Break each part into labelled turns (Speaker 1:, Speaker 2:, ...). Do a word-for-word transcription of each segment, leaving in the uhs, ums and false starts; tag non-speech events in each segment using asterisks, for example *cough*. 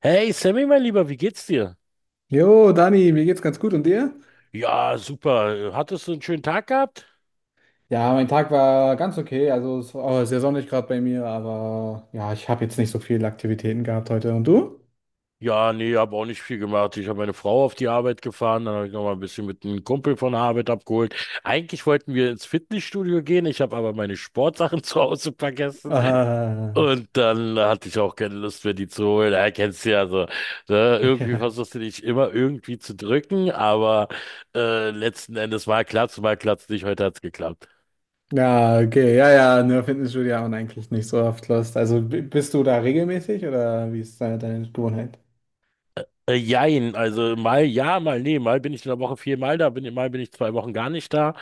Speaker 1: Hey Sammy, mein Lieber, wie geht's dir?
Speaker 2: Jo, Dani, mir geht's ganz gut und dir?
Speaker 1: Ja, super. Hattest du einen schönen Tag gehabt?
Speaker 2: Ja, mein Tag war ganz okay. Also es war sehr sonnig gerade bei mir, aber ja, ich habe jetzt nicht so viele Aktivitäten gehabt heute. Und du?
Speaker 1: Ja, nee, habe auch nicht viel gemacht. Ich habe meine Frau auf die Arbeit gefahren, dann habe ich noch mal ein bisschen mit einem Kumpel von der Arbeit abgeholt. Eigentlich wollten wir ins Fitnessstudio gehen, ich habe aber meine Sportsachen *laughs* zu Hause vergessen
Speaker 2: Ah,
Speaker 1: und dann hatte ich auch keine Lust mehr, die zu holen. Ja, kennst du ja so. Ne?
Speaker 2: *laughs*
Speaker 1: Irgendwie
Speaker 2: ja.
Speaker 1: versuchst du dich immer irgendwie zu drücken, aber äh, letzten Endes mal klappt's, mal klappt's nicht. Heute hat's geklappt.
Speaker 2: Ja, okay, ja, ja, nur Fitnessstudio haben eigentlich nicht so oft Lust. Also b- bist du da regelmäßig oder wie ist deine, deine Gewohnheit?
Speaker 1: Äh, äh, jein, also mal ja, mal nee, mal bin ich in der Woche viermal da, bin, mal bin ich zwei Wochen gar nicht da.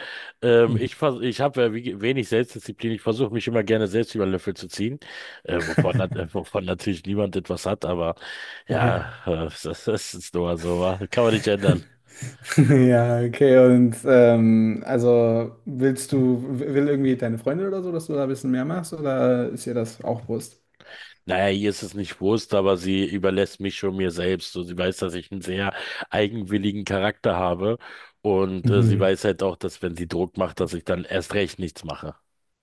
Speaker 1: Ähm,
Speaker 2: Mhm.
Speaker 1: ich vers ich habe wenig Selbstdisziplin, ich versuche mich immer gerne selbst über den Löffel zu ziehen, äh, wovon, nat-
Speaker 2: *laughs*
Speaker 1: äh, wovon natürlich niemand etwas hat, aber ja,
Speaker 2: Ja.
Speaker 1: *laughs* äh, das, das ist nur so, wa? Kann man nicht ändern.
Speaker 2: *laughs* Ja, okay, und ähm, also willst du, w- will irgendwie deine Freundin oder so, dass du da ein bisschen mehr machst oder ist ihr das auch bewusst?
Speaker 1: Naja, ihr ist es nicht bewusst, aber sie überlässt mich schon mir selbst. So, sie weiß, dass ich einen sehr eigenwilligen Charakter habe und äh, sie
Speaker 2: Mhm.
Speaker 1: weiß halt auch, dass wenn sie Druck macht, dass ich dann erst recht nichts mache.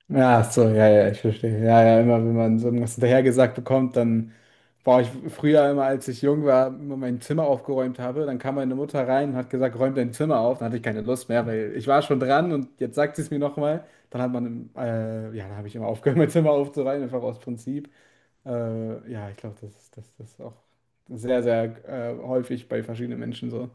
Speaker 2: Ja, ach so, ja, ja, ich verstehe. Ja, ja, immer wenn man so irgendwas hinterhergesagt bekommt, dann war ich früher immer, als ich jung war, immer mein Zimmer aufgeräumt habe, dann kam meine Mutter rein und hat gesagt, räum dein Zimmer auf. Dann hatte ich keine Lust mehr, weil ich war schon dran und jetzt sagt sie es mir nochmal. Dann hat man, äh, ja, dann habe ich immer aufgehört, *laughs* mein Zimmer aufzuräumen, einfach aus Prinzip. Äh, ja, ich glaube, das ist, das, das ist auch sehr, sehr äh, häufig bei verschiedenen Menschen so.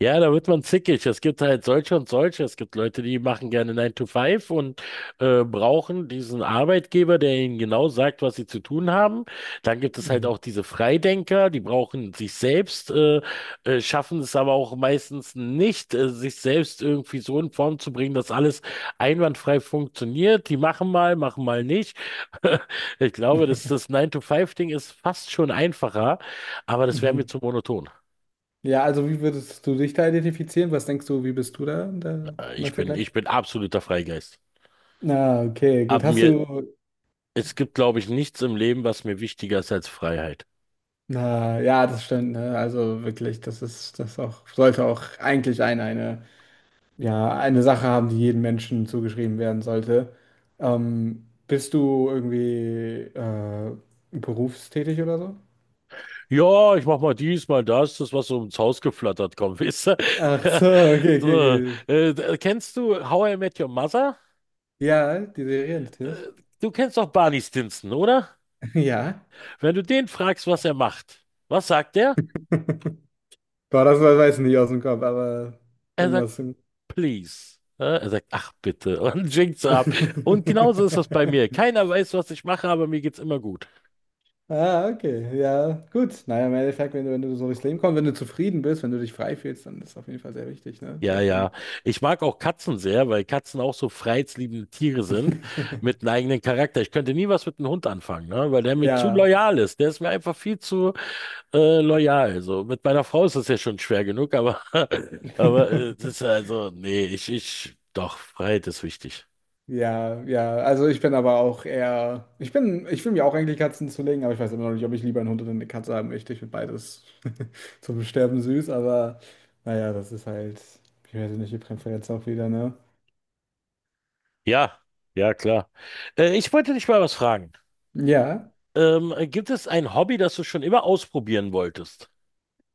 Speaker 1: Ja, da wird man zickig. Es gibt halt solche und solche. Es gibt Leute, die machen gerne Nine to Five und äh, brauchen diesen Arbeitgeber, der ihnen genau sagt, was sie zu tun haben. Dann gibt es halt
Speaker 2: Mhm.
Speaker 1: auch diese Freidenker, die brauchen sich selbst, äh, äh, schaffen es aber auch meistens nicht, äh, sich selbst irgendwie so in Form zu bringen, dass alles einwandfrei funktioniert. Die machen mal, machen mal nicht. *laughs* Ich glaube, dass
Speaker 2: *laughs*
Speaker 1: das Nine to Five Ding ist fast schon einfacher, aber das wäre mir
Speaker 2: Mhm.
Speaker 1: zu monoton.
Speaker 2: Ja, also wie würdest du dich da identifizieren? Was denkst du, wie bist du da in der,
Speaker 1: Äh,
Speaker 2: in dem
Speaker 1: Ich bin,
Speaker 2: Vergleich?
Speaker 1: ich bin absoluter Freigeist.
Speaker 2: Na, okay, gut.
Speaker 1: Aber
Speaker 2: Hast
Speaker 1: mir,
Speaker 2: du,
Speaker 1: es gibt, glaube ich, nichts im Leben, was mir wichtiger ist als Freiheit.
Speaker 2: na, ja, das stimmt, ne? Also wirklich, das ist, das auch, sollte auch eigentlich ein, eine, ja, eine Sache haben, die jedem Menschen zugeschrieben werden sollte. Ähm, bist du irgendwie äh, berufstätig oder so?
Speaker 1: Ja, ich mach mal dies, mal das, das, was so ins Haus geflattert kommt, weißt du?
Speaker 2: Ach
Speaker 1: *laughs*
Speaker 2: so, okay, okay,
Speaker 1: So,
Speaker 2: okay.
Speaker 1: äh, kennst du How I Met Your Mother?
Speaker 2: Ja, die Serie
Speaker 1: Äh,
Speaker 2: natürlich.
Speaker 1: Du kennst doch Barney Stinson, oder?
Speaker 2: *laughs* Ja.
Speaker 1: Wenn du den fragst, was er macht, was sagt er?
Speaker 2: Boah, das weiß ich nicht aus dem Kopf, aber
Speaker 1: Er sagt,
Speaker 2: irgendwas. im-
Speaker 1: please. Äh, Er sagt, ach bitte, und *laughs* winkt so ab. Und genauso ist das bei mir.
Speaker 2: *laughs*
Speaker 1: Keiner weiß, was ich mache, aber mir geht's immer gut.
Speaker 2: Ah, okay. Ja, gut. Naja, im Endeffekt, wenn du, wenn du so durchs Leben kommst, wenn du zufrieden bist, wenn du dich frei fühlst, dann ist das auf jeden Fall sehr wichtig, ne?
Speaker 1: Ja,
Speaker 2: Sehr
Speaker 1: ja.
Speaker 2: schön.
Speaker 1: Ich mag auch Katzen sehr, weil Katzen auch so freiheitsliebende Tiere sind
Speaker 2: *laughs*
Speaker 1: mit einem eigenen Charakter. Ich könnte nie was mit einem Hund anfangen, ne? Weil der mir zu
Speaker 2: Ja.
Speaker 1: loyal ist. Der ist mir einfach viel zu äh, loyal. So mit meiner Frau ist das ja schon schwer genug, aber *laughs* aber äh, das ist,
Speaker 2: *laughs*
Speaker 1: also nee, ich ich doch, Freiheit ist wichtig.
Speaker 2: Ja, ja. Also ich bin aber auch eher. Ich bin, ich will mir auch eigentlich Katzen zulegen, aber ich weiß immer noch nicht, ob ich lieber einen Hund oder eine Katze haben möchte. Ich finde beides *laughs* zum Sterben süß, aber naja, das ist halt, ich weiß nicht, die Präferenz auch wieder, ne?
Speaker 1: Ja, ja, klar. Äh, ich wollte dich mal was fragen.
Speaker 2: Ja.
Speaker 1: Ähm, gibt es ein Hobby, das du schon immer ausprobieren wolltest?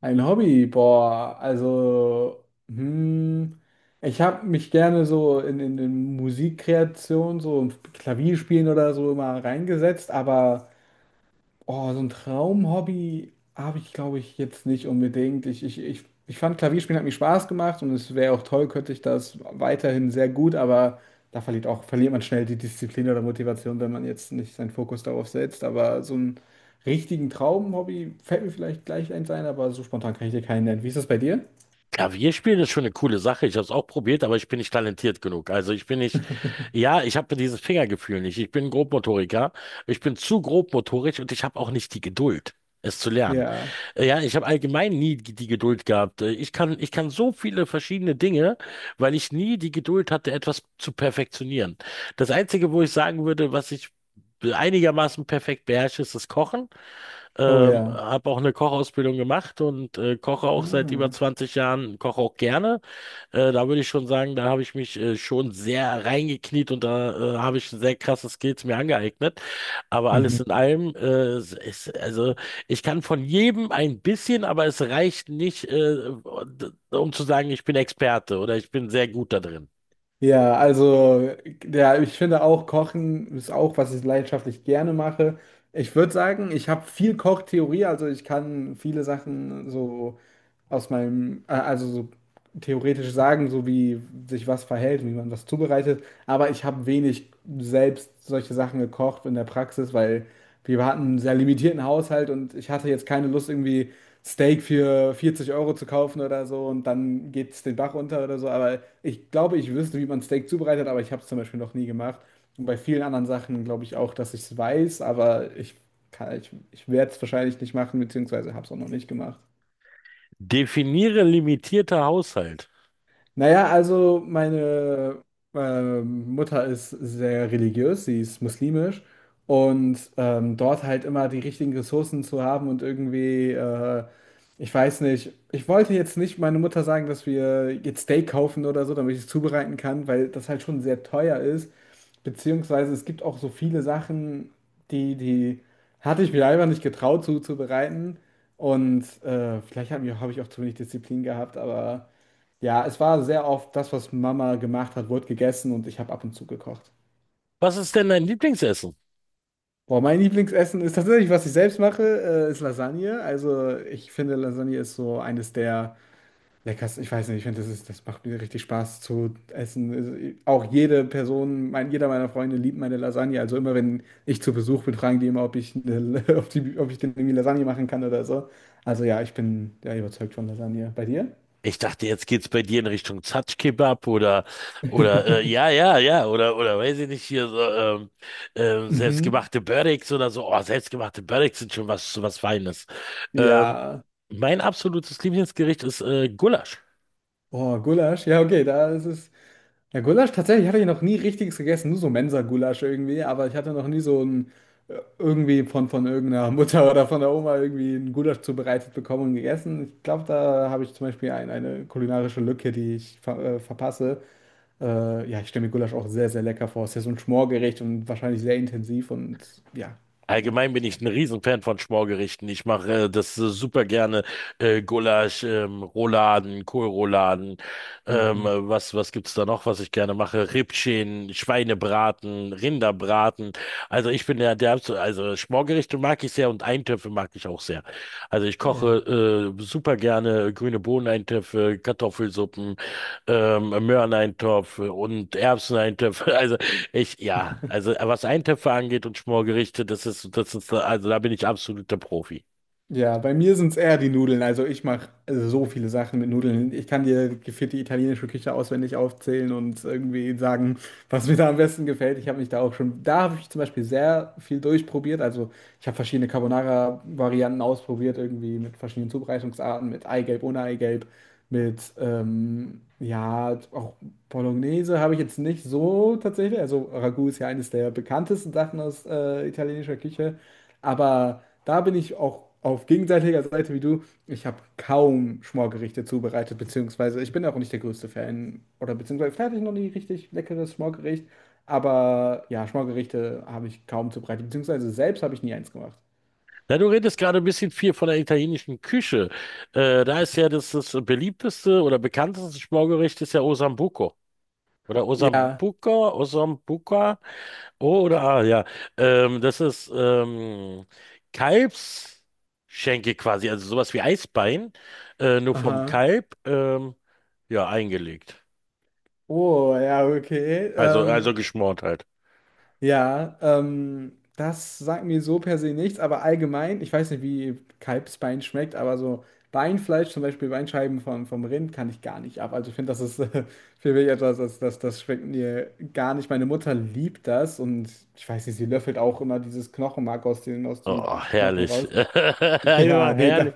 Speaker 2: Ein Hobby, boah, also, hm, ich habe mich gerne so in, in, in Musikkreation, so im Klavierspielen oder so immer reingesetzt, aber oh, so ein Traumhobby habe ich, glaube ich, jetzt nicht unbedingt. Ich, ich, ich, ich fand Klavierspielen hat mir Spaß gemacht und es wäre auch toll, könnte ich das weiterhin sehr gut, aber da verliert auch, verliert man schnell die Disziplin oder Motivation, wenn man jetzt nicht seinen Fokus darauf setzt. Aber so einen richtigen Traumhobby fällt mir vielleicht gleich eins ein, aber so spontan kann ich dir keinen nennen. Wie ist das bei dir?
Speaker 1: Klavierspielen ist schon eine coole Sache. Ich habe es auch probiert, aber ich bin nicht talentiert genug. Also ich bin nicht,
Speaker 2: *laughs*
Speaker 1: ja, ich habe dieses Fingergefühl nicht. Ich bin Grobmotoriker. Ich bin zu grobmotorisch und ich habe auch nicht die Geduld, es zu lernen.
Speaker 2: Ja.
Speaker 1: Äh, Ja, ich habe allgemein nie die die Geduld gehabt. Äh, Ich kann, ich kann so viele verschiedene Dinge, weil ich nie die Geduld hatte, etwas zu perfektionieren. Das Einzige, wo ich sagen würde, was ich einigermaßen perfekt beherrsche, ist das Kochen.
Speaker 2: Oh
Speaker 1: Ähm,
Speaker 2: ja.
Speaker 1: habe auch eine Kochausbildung gemacht und äh, koche auch seit über
Speaker 2: Ah.
Speaker 1: zwanzig Jahren, koche auch gerne. Äh, da würde ich schon sagen, da habe ich mich äh, schon sehr reingekniet und da äh, habe ich sehr krasse Skills mir angeeignet. Aber
Speaker 2: Mhm.
Speaker 1: alles in allem, äh, es ist, also ich kann von jedem ein bisschen, aber es reicht nicht, äh, um zu sagen, ich bin Experte oder ich bin sehr gut da drin.
Speaker 2: Ja, also, ja, ich finde auch, Kochen ist auch, was ich leidenschaftlich gerne mache. Ich würde sagen, ich habe viel Kochtheorie, also ich kann viele Sachen so aus meinem, äh, also so theoretisch sagen, so wie sich was verhält, wie man was zubereitet. Aber ich habe wenig selbst solche Sachen gekocht in der Praxis, weil wir hatten einen sehr limitierten Haushalt und ich hatte jetzt keine Lust, irgendwie Steak für vierzig Euro zu kaufen oder so und dann geht es den Bach runter oder so. Aber ich glaube, ich wüsste, wie man Steak zubereitet, aber ich habe es zum Beispiel noch nie gemacht. Und bei vielen anderen Sachen glaube ich auch, dass ich es weiß, aber ich kann, ich, ich werde es wahrscheinlich nicht machen, beziehungsweise habe es auch noch nicht gemacht.
Speaker 1: Definiere limitierter Haushalt.
Speaker 2: Naja, also meine ähm, Mutter ist sehr religiös, sie ist muslimisch und ähm, dort halt immer die richtigen Ressourcen zu haben und irgendwie, äh, ich weiß nicht, ich wollte jetzt nicht meiner Mutter sagen, dass wir jetzt Steak kaufen oder so, damit ich es zubereiten kann, weil das halt schon sehr teuer ist, beziehungsweise es gibt auch so viele Sachen, die, die hatte ich mir einfach nicht getraut zuzubereiten und äh, vielleicht habe ich, hab ich auch zu wenig Disziplin gehabt, aber... Ja, es war sehr oft das, was Mama gemacht hat, wurde gegessen und ich habe ab und zu gekocht.
Speaker 1: Was ist denn dein Lieblingsessen?
Speaker 2: Boah, mein Lieblingsessen ist tatsächlich, was ich selbst mache, äh, ist Lasagne. Also ich finde, Lasagne ist so eines der leckersten. Ich weiß nicht, ich finde, das ist, das macht mir richtig Spaß zu essen. Also, ich- auch jede Person, mein, jeder meiner Freunde liebt meine Lasagne. Also immer, wenn ich zu Besuch bin, fragen die immer, ob ich, eine, *laughs* ob die, ob ich denn irgendwie Lasagne machen kann oder so. Also ja, ich bin ja überzeugt von Lasagne. Bei dir?
Speaker 1: Ich dachte, jetzt geht's bei dir in Richtung Zatschkebab oder oder äh, ja,
Speaker 2: *laughs*
Speaker 1: ja, ja, oder oder weiß ich nicht, hier so ähm, ähm,
Speaker 2: Mhm.
Speaker 1: selbstgemachte Börricks oder so. Oh, selbstgemachte Börricks sind schon was was Feines. Ähm,
Speaker 2: Ja.
Speaker 1: Mein absolutes Lieblingsgericht ist äh, Gulasch.
Speaker 2: Boah, Gulasch. Ja, okay, da ist es. Ja, Gulasch, tatsächlich hatte ich noch nie richtiges gegessen, nur so Mensa-Gulasch irgendwie, aber ich hatte noch nie so ein äh, irgendwie von, von irgendeiner *laughs* Mutter oder von der Oma irgendwie ein Gulasch zubereitet bekommen und gegessen. Ich glaube, da habe ich zum Beispiel ein, eine kulinarische Lücke, die ich ver äh, verpasse. Äh, ja, ich stelle mir Gulasch auch sehr, sehr lecker vor. Es ist ja so ein Schmorgericht und wahrscheinlich sehr intensiv und ja, genial.
Speaker 1: Allgemein bin ich ein Riesenfan von Schmorgerichten. Ich mache äh, das äh, super gerne. Äh, Gulasch, ähm, Rouladen, Kohlrouladen. Ähm,
Speaker 2: Mhm.
Speaker 1: äh, was, was gibt's da noch, was ich gerne mache? Rippchen, Schweinebraten, Rinderbraten. Also ich bin ja der, absol- also Schmorgerichte mag ich sehr und Eintöpfe mag ich auch sehr. Also ich
Speaker 2: Ja.
Speaker 1: koche äh, super gerne grüne Bohneneintöpfe, Kartoffelsuppen, ähm, Möhreneintopf und Erbseneintöpfe. *laughs* Also ich, ja, also was Eintöpfe angeht und Schmorgerichte, das ist, das ist, also da bin ich absoluter Profi.
Speaker 2: Ja, bei mir sind es eher die Nudeln. Also ich mache so viele Sachen mit Nudeln. Ich kann dir gefühlt die italienische Küche auswendig aufzählen und irgendwie sagen, was mir da am besten gefällt. Ich habe mich da auch schon, da habe ich zum Beispiel sehr viel durchprobiert. Also ich habe verschiedene Carbonara-Varianten ausprobiert, irgendwie mit verschiedenen Zubereitungsarten, mit Eigelb, ohne Eigelb. Mit, ähm, ja, auch Bolognese habe ich jetzt nicht so tatsächlich. Also Ragu ist ja eines der bekanntesten Sachen aus äh, italienischer Küche. Aber da bin ich auch auf gegenseitiger Seite wie du. Ich habe kaum Schmorgerichte zubereitet, beziehungsweise ich bin auch nicht der größte Fan. Oder beziehungsweise vielleicht hatte ich noch nie richtig leckeres Schmorgericht. Aber ja, Schmorgerichte habe ich kaum zubereitet, beziehungsweise selbst habe ich nie eins gemacht.
Speaker 1: Na, du redest gerade ein bisschen viel von der italienischen Küche. Äh, da ist ja das, das beliebteste oder bekannteste Schmorgericht ist ja Osambuco. Oder
Speaker 2: Ja,
Speaker 1: Osambuco, Osambuca. O oder A, ja. Ähm, das ist ähm, Kalbsschenkel quasi, also sowas wie Eisbein, äh, nur vom
Speaker 2: aha.
Speaker 1: Kalb, ähm, ja, eingelegt.
Speaker 2: Oh, ja, okay.
Speaker 1: Also,
Speaker 2: Ähm,
Speaker 1: also geschmort halt.
Speaker 2: ja, ähm, das sagt mir so per se nichts, aber allgemein, ich weiß nicht, wie Kalbsbein schmeckt, aber so Beinfleisch, zum Beispiel Beinscheiben vom, vom Rind, kann ich gar nicht ab. Also ich finde, das ist *laughs* äh, für mich etwas, das, das, das schmeckt mir gar nicht. Meine Mutter liebt das und ich weiß nicht, sie löffelt auch immer dieses Knochenmark aus dem, aus dem
Speaker 1: Oh,
Speaker 2: Knochen
Speaker 1: herrlich. *laughs*
Speaker 2: raus. *laughs* Ja,
Speaker 1: Einfach
Speaker 2: nee, das,
Speaker 1: herrlich.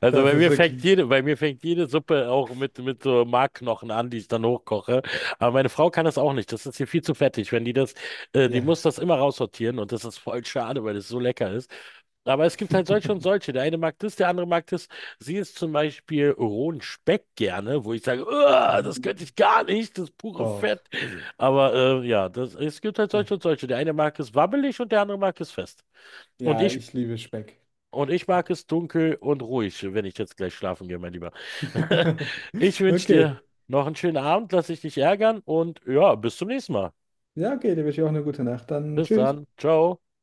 Speaker 1: Also
Speaker 2: das
Speaker 1: bei
Speaker 2: ist
Speaker 1: mir fängt
Speaker 2: wirklich,
Speaker 1: jede, bei mir fängt jede Suppe auch mit, mit so Markknochen an, die ich dann hochkoche. Aber meine Frau kann das auch nicht. Das ist hier viel zu fettig. Wenn die das, äh, die
Speaker 2: ja.
Speaker 1: muss das immer raussortieren und das ist voll schade, weil es so lecker ist. Aber es gibt halt solche und
Speaker 2: *laughs*
Speaker 1: solche. Der eine mag das, der andere mag das. Sie isst zum Beispiel rohen Speck gerne, wo ich sage, "Uah, das könnte
Speaker 2: Mhm.
Speaker 1: ich gar nicht, das pure
Speaker 2: Doch.
Speaker 1: Fett. Aber äh, ja, das, es gibt halt
Speaker 2: Da-
Speaker 1: solche und solche. Der eine mag es wabbelig und der andere mag es fest. Und
Speaker 2: Ja,
Speaker 1: ich
Speaker 2: ich liebe Speck.
Speaker 1: und ich mag es dunkel und ruhig, wenn ich jetzt gleich schlafen gehe, mein Lieber. *laughs*
Speaker 2: *laughs*
Speaker 1: Ich wünsche
Speaker 2: Okay.
Speaker 1: dir noch einen schönen Abend, lass dich nicht ärgern und ja, bis zum nächsten Mal.
Speaker 2: Ja, okay, dir wünsche ich auch eine gute Nacht. Dann
Speaker 1: Bis
Speaker 2: tschüss.
Speaker 1: dann. Ciao.